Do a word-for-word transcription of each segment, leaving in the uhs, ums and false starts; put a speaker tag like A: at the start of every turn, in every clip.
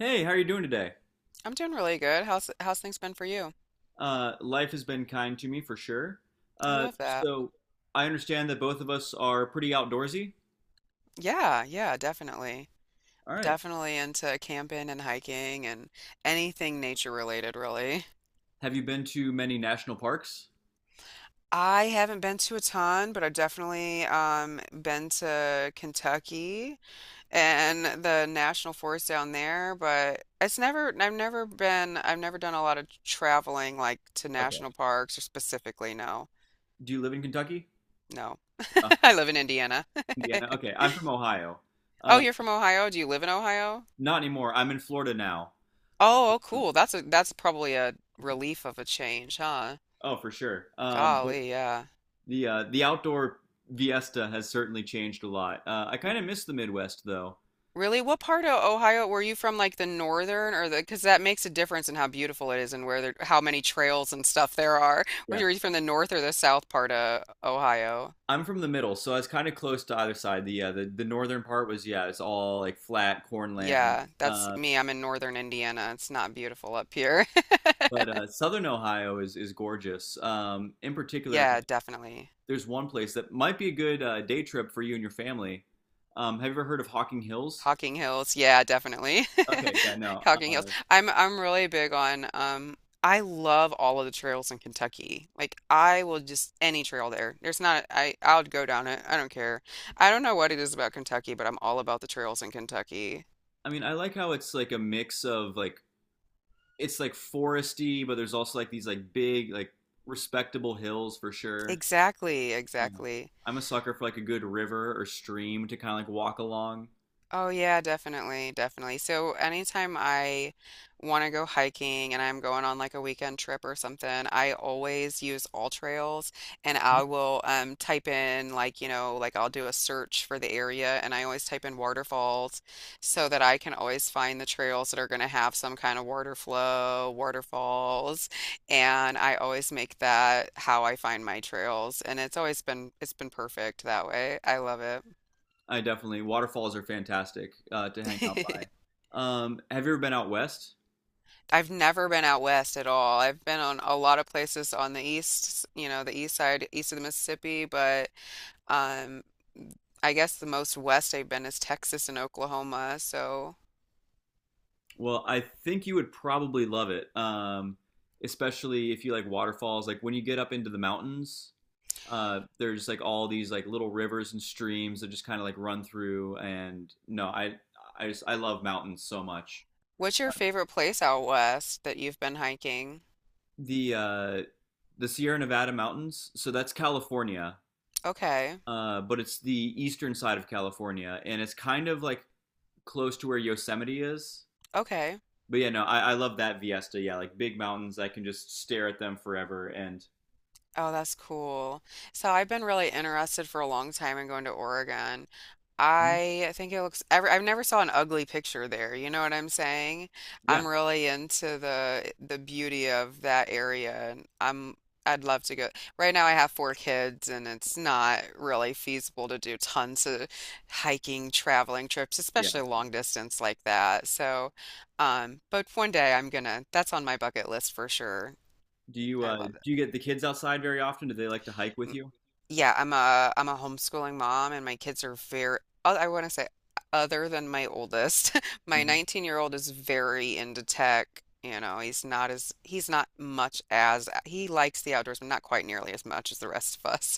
A: Hey, how are you doing today?
B: I'm doing really good. How's how's things been for you?
A: Uh, life has been kind to me for sure.
B: I
A: Uh,
B: love that.
A: so I understand that both of us are pretty outdoorsy.
B: Yeah, yeah, definitely.
A: All right.
B: Definitely into camping and hiking and anything nature related, really.
A: Have you been to many national parks?
B: I haven't been to a ton, but I've definitely um, been to Kentucky and the national forest down there. But it's never, I've never been, I've never done a lot of traveling like to
A: Okay.
B: national parks or specifically, no,
A: Do you live in Kentucky?
B: no.
A: Uh,
B: I live in Indiana.
A: Indiana. Okay. I'm from Ohio.
B: Oh,
A: Uh,
B: you're from Ohio? Do you live in Ohio?
A: Not anymore. I'm in Florida now.
B: Oh, oh,
A: Um,
B: cool. That's a that's probably a relief of a change, huh?
A: Oh, for sure. Um, but
B: Golly, yeah.
A: the uh, the outdoor Fiesta has certainly changed a lot. Uh, I kind of miss the Midwest though.
B: Really? What part of Ohio were you from? Like the northern or the? Because that makes a difference in how beautiful it is and where there, how many trails and stuff there are. Were
A: Yeah.
B: you were you from the north or the south part of Ohio?
A: I'm from the middle, so I was kind of close to either side. The uh, the the northern part was, yeah, it's all like flat cornlands.
B: Yeah, that's
A: Uh,
B: me. I'm in northern Indiana. It's not beautiful up here.
A: but uh, southern Ohio is is gorgeous. Um, in particular,
B: Yeah, definitely.
A: there's one place that might be a good uh, day trip for you and your family. Um, have you ever heard of Hocking Hills?
B: Hocking Hills. Yeah, definitely.
A: Okay, yeah, no.
B: Hocking Hills.
A: Uh,
B: I'm I'm really big on um I love all of the trails in Kentucky. Like I will just any trail there. There's not, I I'll go down it. I don't care. I don't know what it is about Kentucky, but I'm all about the trails in Kentucky.
A: I mean, I like how it's like a mix of like it's like foresty, but there's also like these like big like respectable hills for sure.
B: Exactly,
A: Um,
B: exactly.
A: I'm a sucker for like a good river or stream to kind of like walk along.
B: Oh yeah, definitely, definitely. So anytime I want to go hiking and I'm going on like a weekend trip or something, I always use All Trails, and I will um type in like, you know, like I'll do a search for the area. And I always type in waterfalls so that I can always find the trails that are going to have some kind of water flow, waterfalls. And I always make that how I find my trails, and it's always been it's been perfect that way. I love it.
A: I definitely waterfalls are fantastic uh, to hang out by. Um, have you ever been out west?
B: I've never been out west at all. I've been on a lot of places on the east, you know, the east side, east of the Mississippi, but um, I guess the most west I've been is Texas and Oklahoma. So,
A: Well, I think you would probably love it, um, especially if you like waterfalls. Like when you get up into the mountains, uh, there's like all these like little rivers and streams that just kind of like run through. And no, I I just I love mountains so much.
B: what's your favorite place out west that you've been hiking?
A: The uh, the Sierra Nevada mountains, so that's California.
B: Okay,
A: Uh, but it's the eastern side of California, and it's kind of like close to where Yosemite is.
B: okay.
A: But yeah, no, I, I love that Viesta. Yeah, like big mountains, I can just stare at them forever. And
B: Oh, that's cool. So I've been really interested for a long time in going to Oregon.
A: mhm,
B: I think it looks, every- I've never saw an ugly picture there. You know what I'm saying?
A: yeah,
B: I'm really into the the beauty of that area, and I'm I'd love to go. Right now, I have four kids, and it's not really feasible to do tons of hiking, traveling trips,
A: yeah.
B: especially long distance like that. So, um, but one day I'm gonna. That's on my bucket list for sure.
A: Do you
B: I
A: uh,
B: love
A: do you get the kids outside very often? Do they like to hike with
B: it.
A: you?
B: Yeah, I'm a I'm a homeschooling mom, and my kids are very oth- I want to say other than my oldest. My
A: Hmm.
B: nineteen-year-old is very into tech. You know, he's not as he's not much as he likes the outdoors, but not quite nearly as much as the rest of us.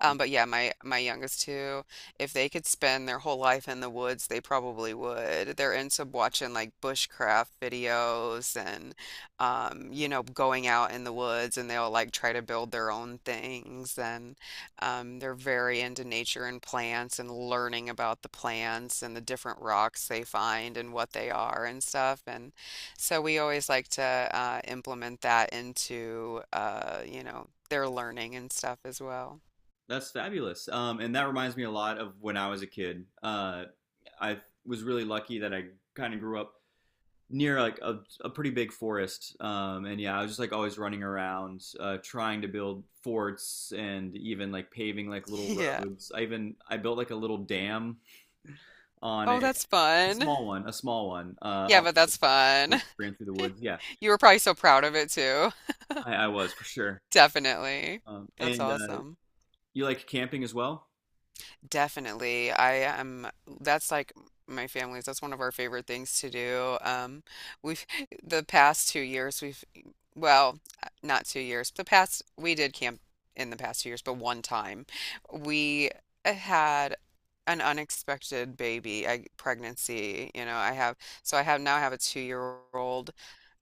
B: Um, but yeah, my my youngest two, if they could spend their whole life in the woods, they probably would. They're into watching like bushcraft videos and um, you know, going out in the woods, and they'll like try to build their own things. And um, they're very into nature and plants and learning about the plants and the different rocks they find and what they are and stuff. And so we always like to uh, implement that into uh, you know, their learning and stuff as well.
A: That's fabulous. Um, and that reminds me a lot of when I was a kid. Uh, I was really lucky that I kind of grew up near like a, a pretty big forest, um, and yeah, I was just like always running around, uh, trying to build forts and even like paving like little
B: Yeah.
A: roads. I even i built like a little dam on
B: Oh,
A: a,
B: that's
A: a
B: fun.
A: small one a small one uh,
B: Yeah,
A: on
B: but
A: the
B: that's
A: creek
B: fun.
A: ran through the woods, yeah.
B: You were probably so proud of it too.
A: i, I was for sure.
B: Definitely.
A: um,
B: That's
A: and uh,
B: awesome.
A: You like camping as well.
B: Definitely. I am, that's like my family's, that's one of our favorite things to do. Um, we've, the past two years, we've, well, not two years, the past, we did camp in the past two years, but one time we had an unexpected baby, I, pregnancy. You know, I have, so I have now have a two year old,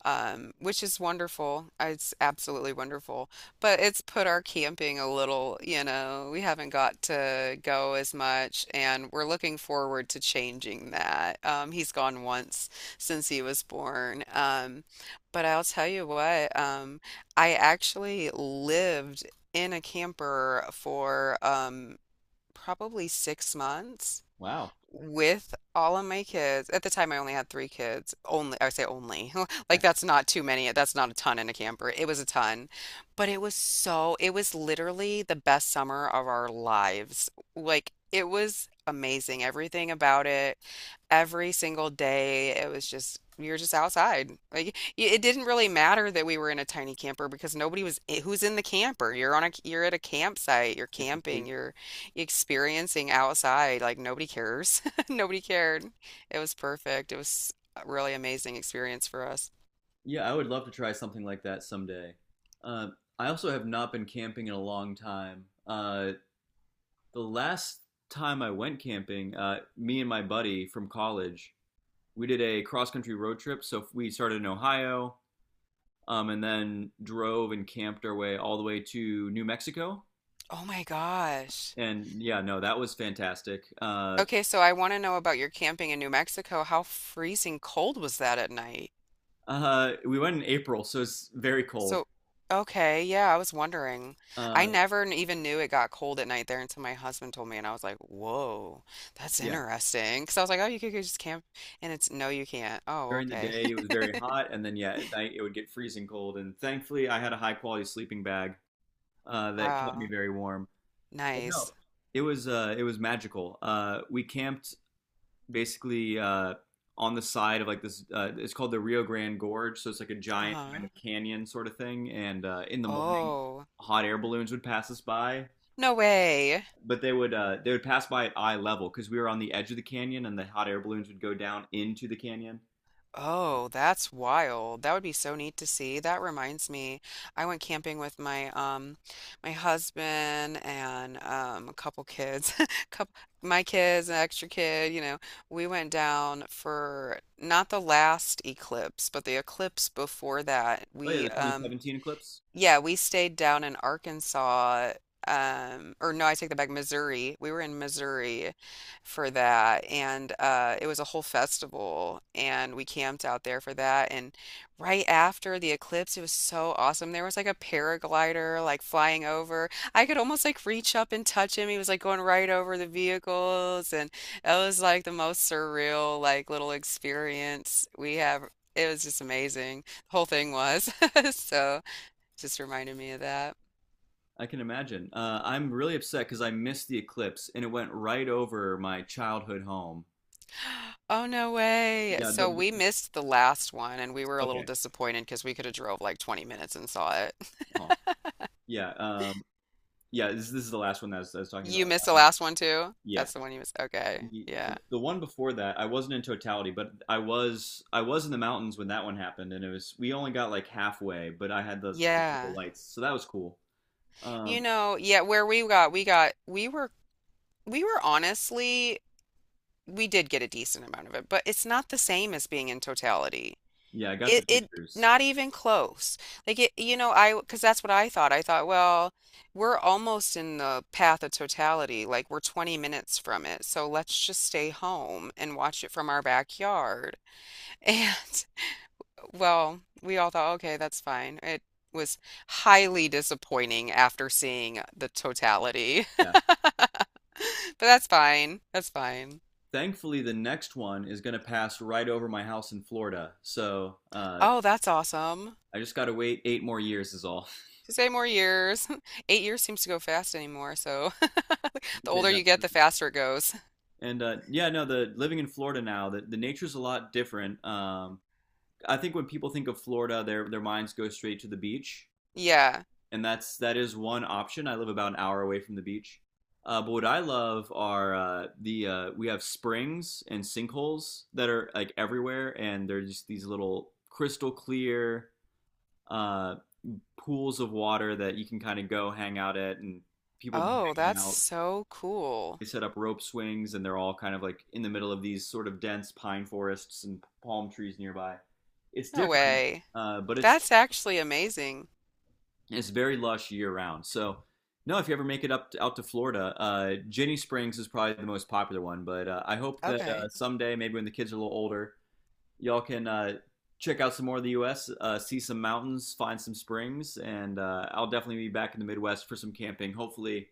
B: um, which is wonderful. It's absolutely wonderful. But it's put our camping a little, you know, we haven't got to go as much, and we're looking forward to changing that. Um, he's gone once since he was born. Um, but I'll tell you what, um, I actually lived in a camper for um, probably six months
A: Wow,
B: with all of my kids. At the time, I only had three kids. Only, I say only. Like,
A: yeah,
B: that's not too many. That's not a ton in a camper. It was a ton. But it was so, it was literally the best summer of our lives. Like, it was amazing. Everything about it, every single day, it was just, we were just outside. Like, y- it didn't really matter that we were in a tiny camper, because nobody was, eh, who's in the camper? You're on a, you're at a campsite, you're
A: it's to
B: camping,
A: sleep.
B: you're, experiencing outside like nobody cares. Nobody cared. It was perfect. It was a really amazing experience for us.
A: Yeah, I would love to try something like that someday. uh, I also have not been camping in a long time. Uh, the last time I went camping, uh, me and my buddy from college, we did a cross country road trip. So we started in Ohio, um, and then drove and camped our way all the way to New Mexico.
B: Oh my gosh.
A: And yeah, no, that was fantastic. Uh,
B: Okay, so I want to know about your camping in New Mexico. How freezing cold was that at night?
A: uh, we went in April, so it's very cold.
B: So, okay, yeah, I was wondering. I
A: Uh,
B: never n- even knew it got cold at night there until my husband told me, and I was like, whoa, that's
A: yeah,
B: interesting. Because I was like, oh, you could just camp, and it's no, you can't. Oh,
A: during the
B: okay.
A: day it was very hot, and then yeah, at night it would get freezing cold. And thankfully, I had a high quality sleeping bag uh, that kept me
B: Wow,
A: very warm. But no,
B: nice.
A: it was uh, it was magical. Uh, we camped basically uh, on the side of like this. Uh, it's called the Rio Grande Gorge, so it's like a giant kind of
B: Uh-huh.
A: canyon sort of thing. And uh, in the morning,
B: Oh,
A: hot air balloons would pass us by,
B: no way.
A: but they would uh, they would pass by at eye level because we were on the edge of the canyon, and the hot air balloons would go down into the canyon.
B: Oh, that's wild. That would be so neat to see. That reminds me, I went camping with my um my husband and um a couple kids. Couple my kids, an extra kid, you know. We went down for not the last eclipse, but the eclipse before that.
A: Oh yeah,
B: We
A: the
B: um
A: twenty seventeen eclipse.
B: yeah, we stayed down in Arkansas. Um, or no, I take that back, Missouri. We were in Missouri for that, and uh, it was a whole festival, and we camped out there for that. And right after the eclipse, it was so awesome. There was like a paraglider like flying over. I could almost like reach up and touch him. He was like going right over the vehicles, and it was like the most surreal like little experience we have. It was just amazing. The whole thing was so. Just reminded me of that.
A: I can imagine. Uh, I'm really upset because I missed the eclipse, and it went right over my childhood home.
B: Oh, no way.
A: Yeah. The,
B: So we
A: the,
B: missed the last one, and we were a little
A: okay.
B: disappointed because we could have drove like twenty minutes and saw it.
A: Oh. Yeah. Um, yeah. This, this is the last one that I was, I was talking
B: You
A: about.
B: missed the
A: Uh,
B: last one too?
A: yeah.
B: That's the one you missed. Okay.
A: The,
B: Yeah.
A: the one before that, I wasn't in totality, but I was I was in the mountains when that one happened, and it was we only got like halfway, but I had the, the little
B: Yeah.
A: lights, so that was cool.
B: You
A: Um,
B: know, yeah, where we got, we got, we were, we were honestly, we did get a decent amount of it, but it's not the same as being in totality.
A: yeah, I got the
B: It it
A: pictures.
B: not even close. Like it, you know, I because that's what I thought. I thought, well, we're almost in the path of totality. Like we're twenty minutes from it. So let's just stay home and watch it from our backyard. And well, we all thought, okay, that's fine. It was highly disappointing after seeing the totality.
A: Yeah,
B: But that's fine. That's fine.
A: thankfully the next one is gonna pass right over my house in Florida, so uh,
B: Oh, that's awesome.
A: I just gotta wait eight more years is all.
B: Just eight more years. Eight years seems to go fast anymore, so the
A: There's
B: older
A: that.
B: you get, the faster it goes.
A: And uh, yeah, no, the living in Florida now, the, the nature's a lot different. Um, I think when people think of Florida, their their minds go straight to the beach.
B: Yeah.
A: And that's that is one option. I live about an hour away from the beach. Uh, but what I love are uh, the uh, we have springs and sinkholes that are like everywhere, and they're just these little crystal clear uh, pools of water that you can kind of go hang out at, and people be
B: Oh,
A: hanging
B: that's
A: out.
B: so cool.
A: They set up rope swings, and they're all kind of like in the middle of these sort of dense pine forests and palm trees nearby. It's
B: No
A: different,
B: way.
A: uh, but it's
B: That's actually amazing.
A: It's very lush year round. So, no, if you ever make it up to, out to Florida, uh, Jenny Springs is probably the most popular one. But uh, I hope that uh,
B: Okay.
A: someday, maybe when the kids are a little older, y'all can uh, check out some more of the U S, uh, see some mountains, find some springs, and uh, I'll definitely be back in the Midwest for some camping, hopefully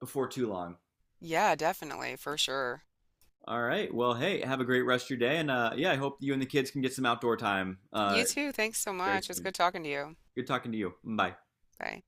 A: before too long.
B: Yeah, definitely, for sure.
A: All right. Well, hey, have a great rest of your day, and uh, yeah, I hope you and the kids can get some outdoor time uh,
B: You too. Thanks so
A: very
B: much. It's
A: soon.
B: good talking to you.
A: Good talking to you. Bye.
B: Bye.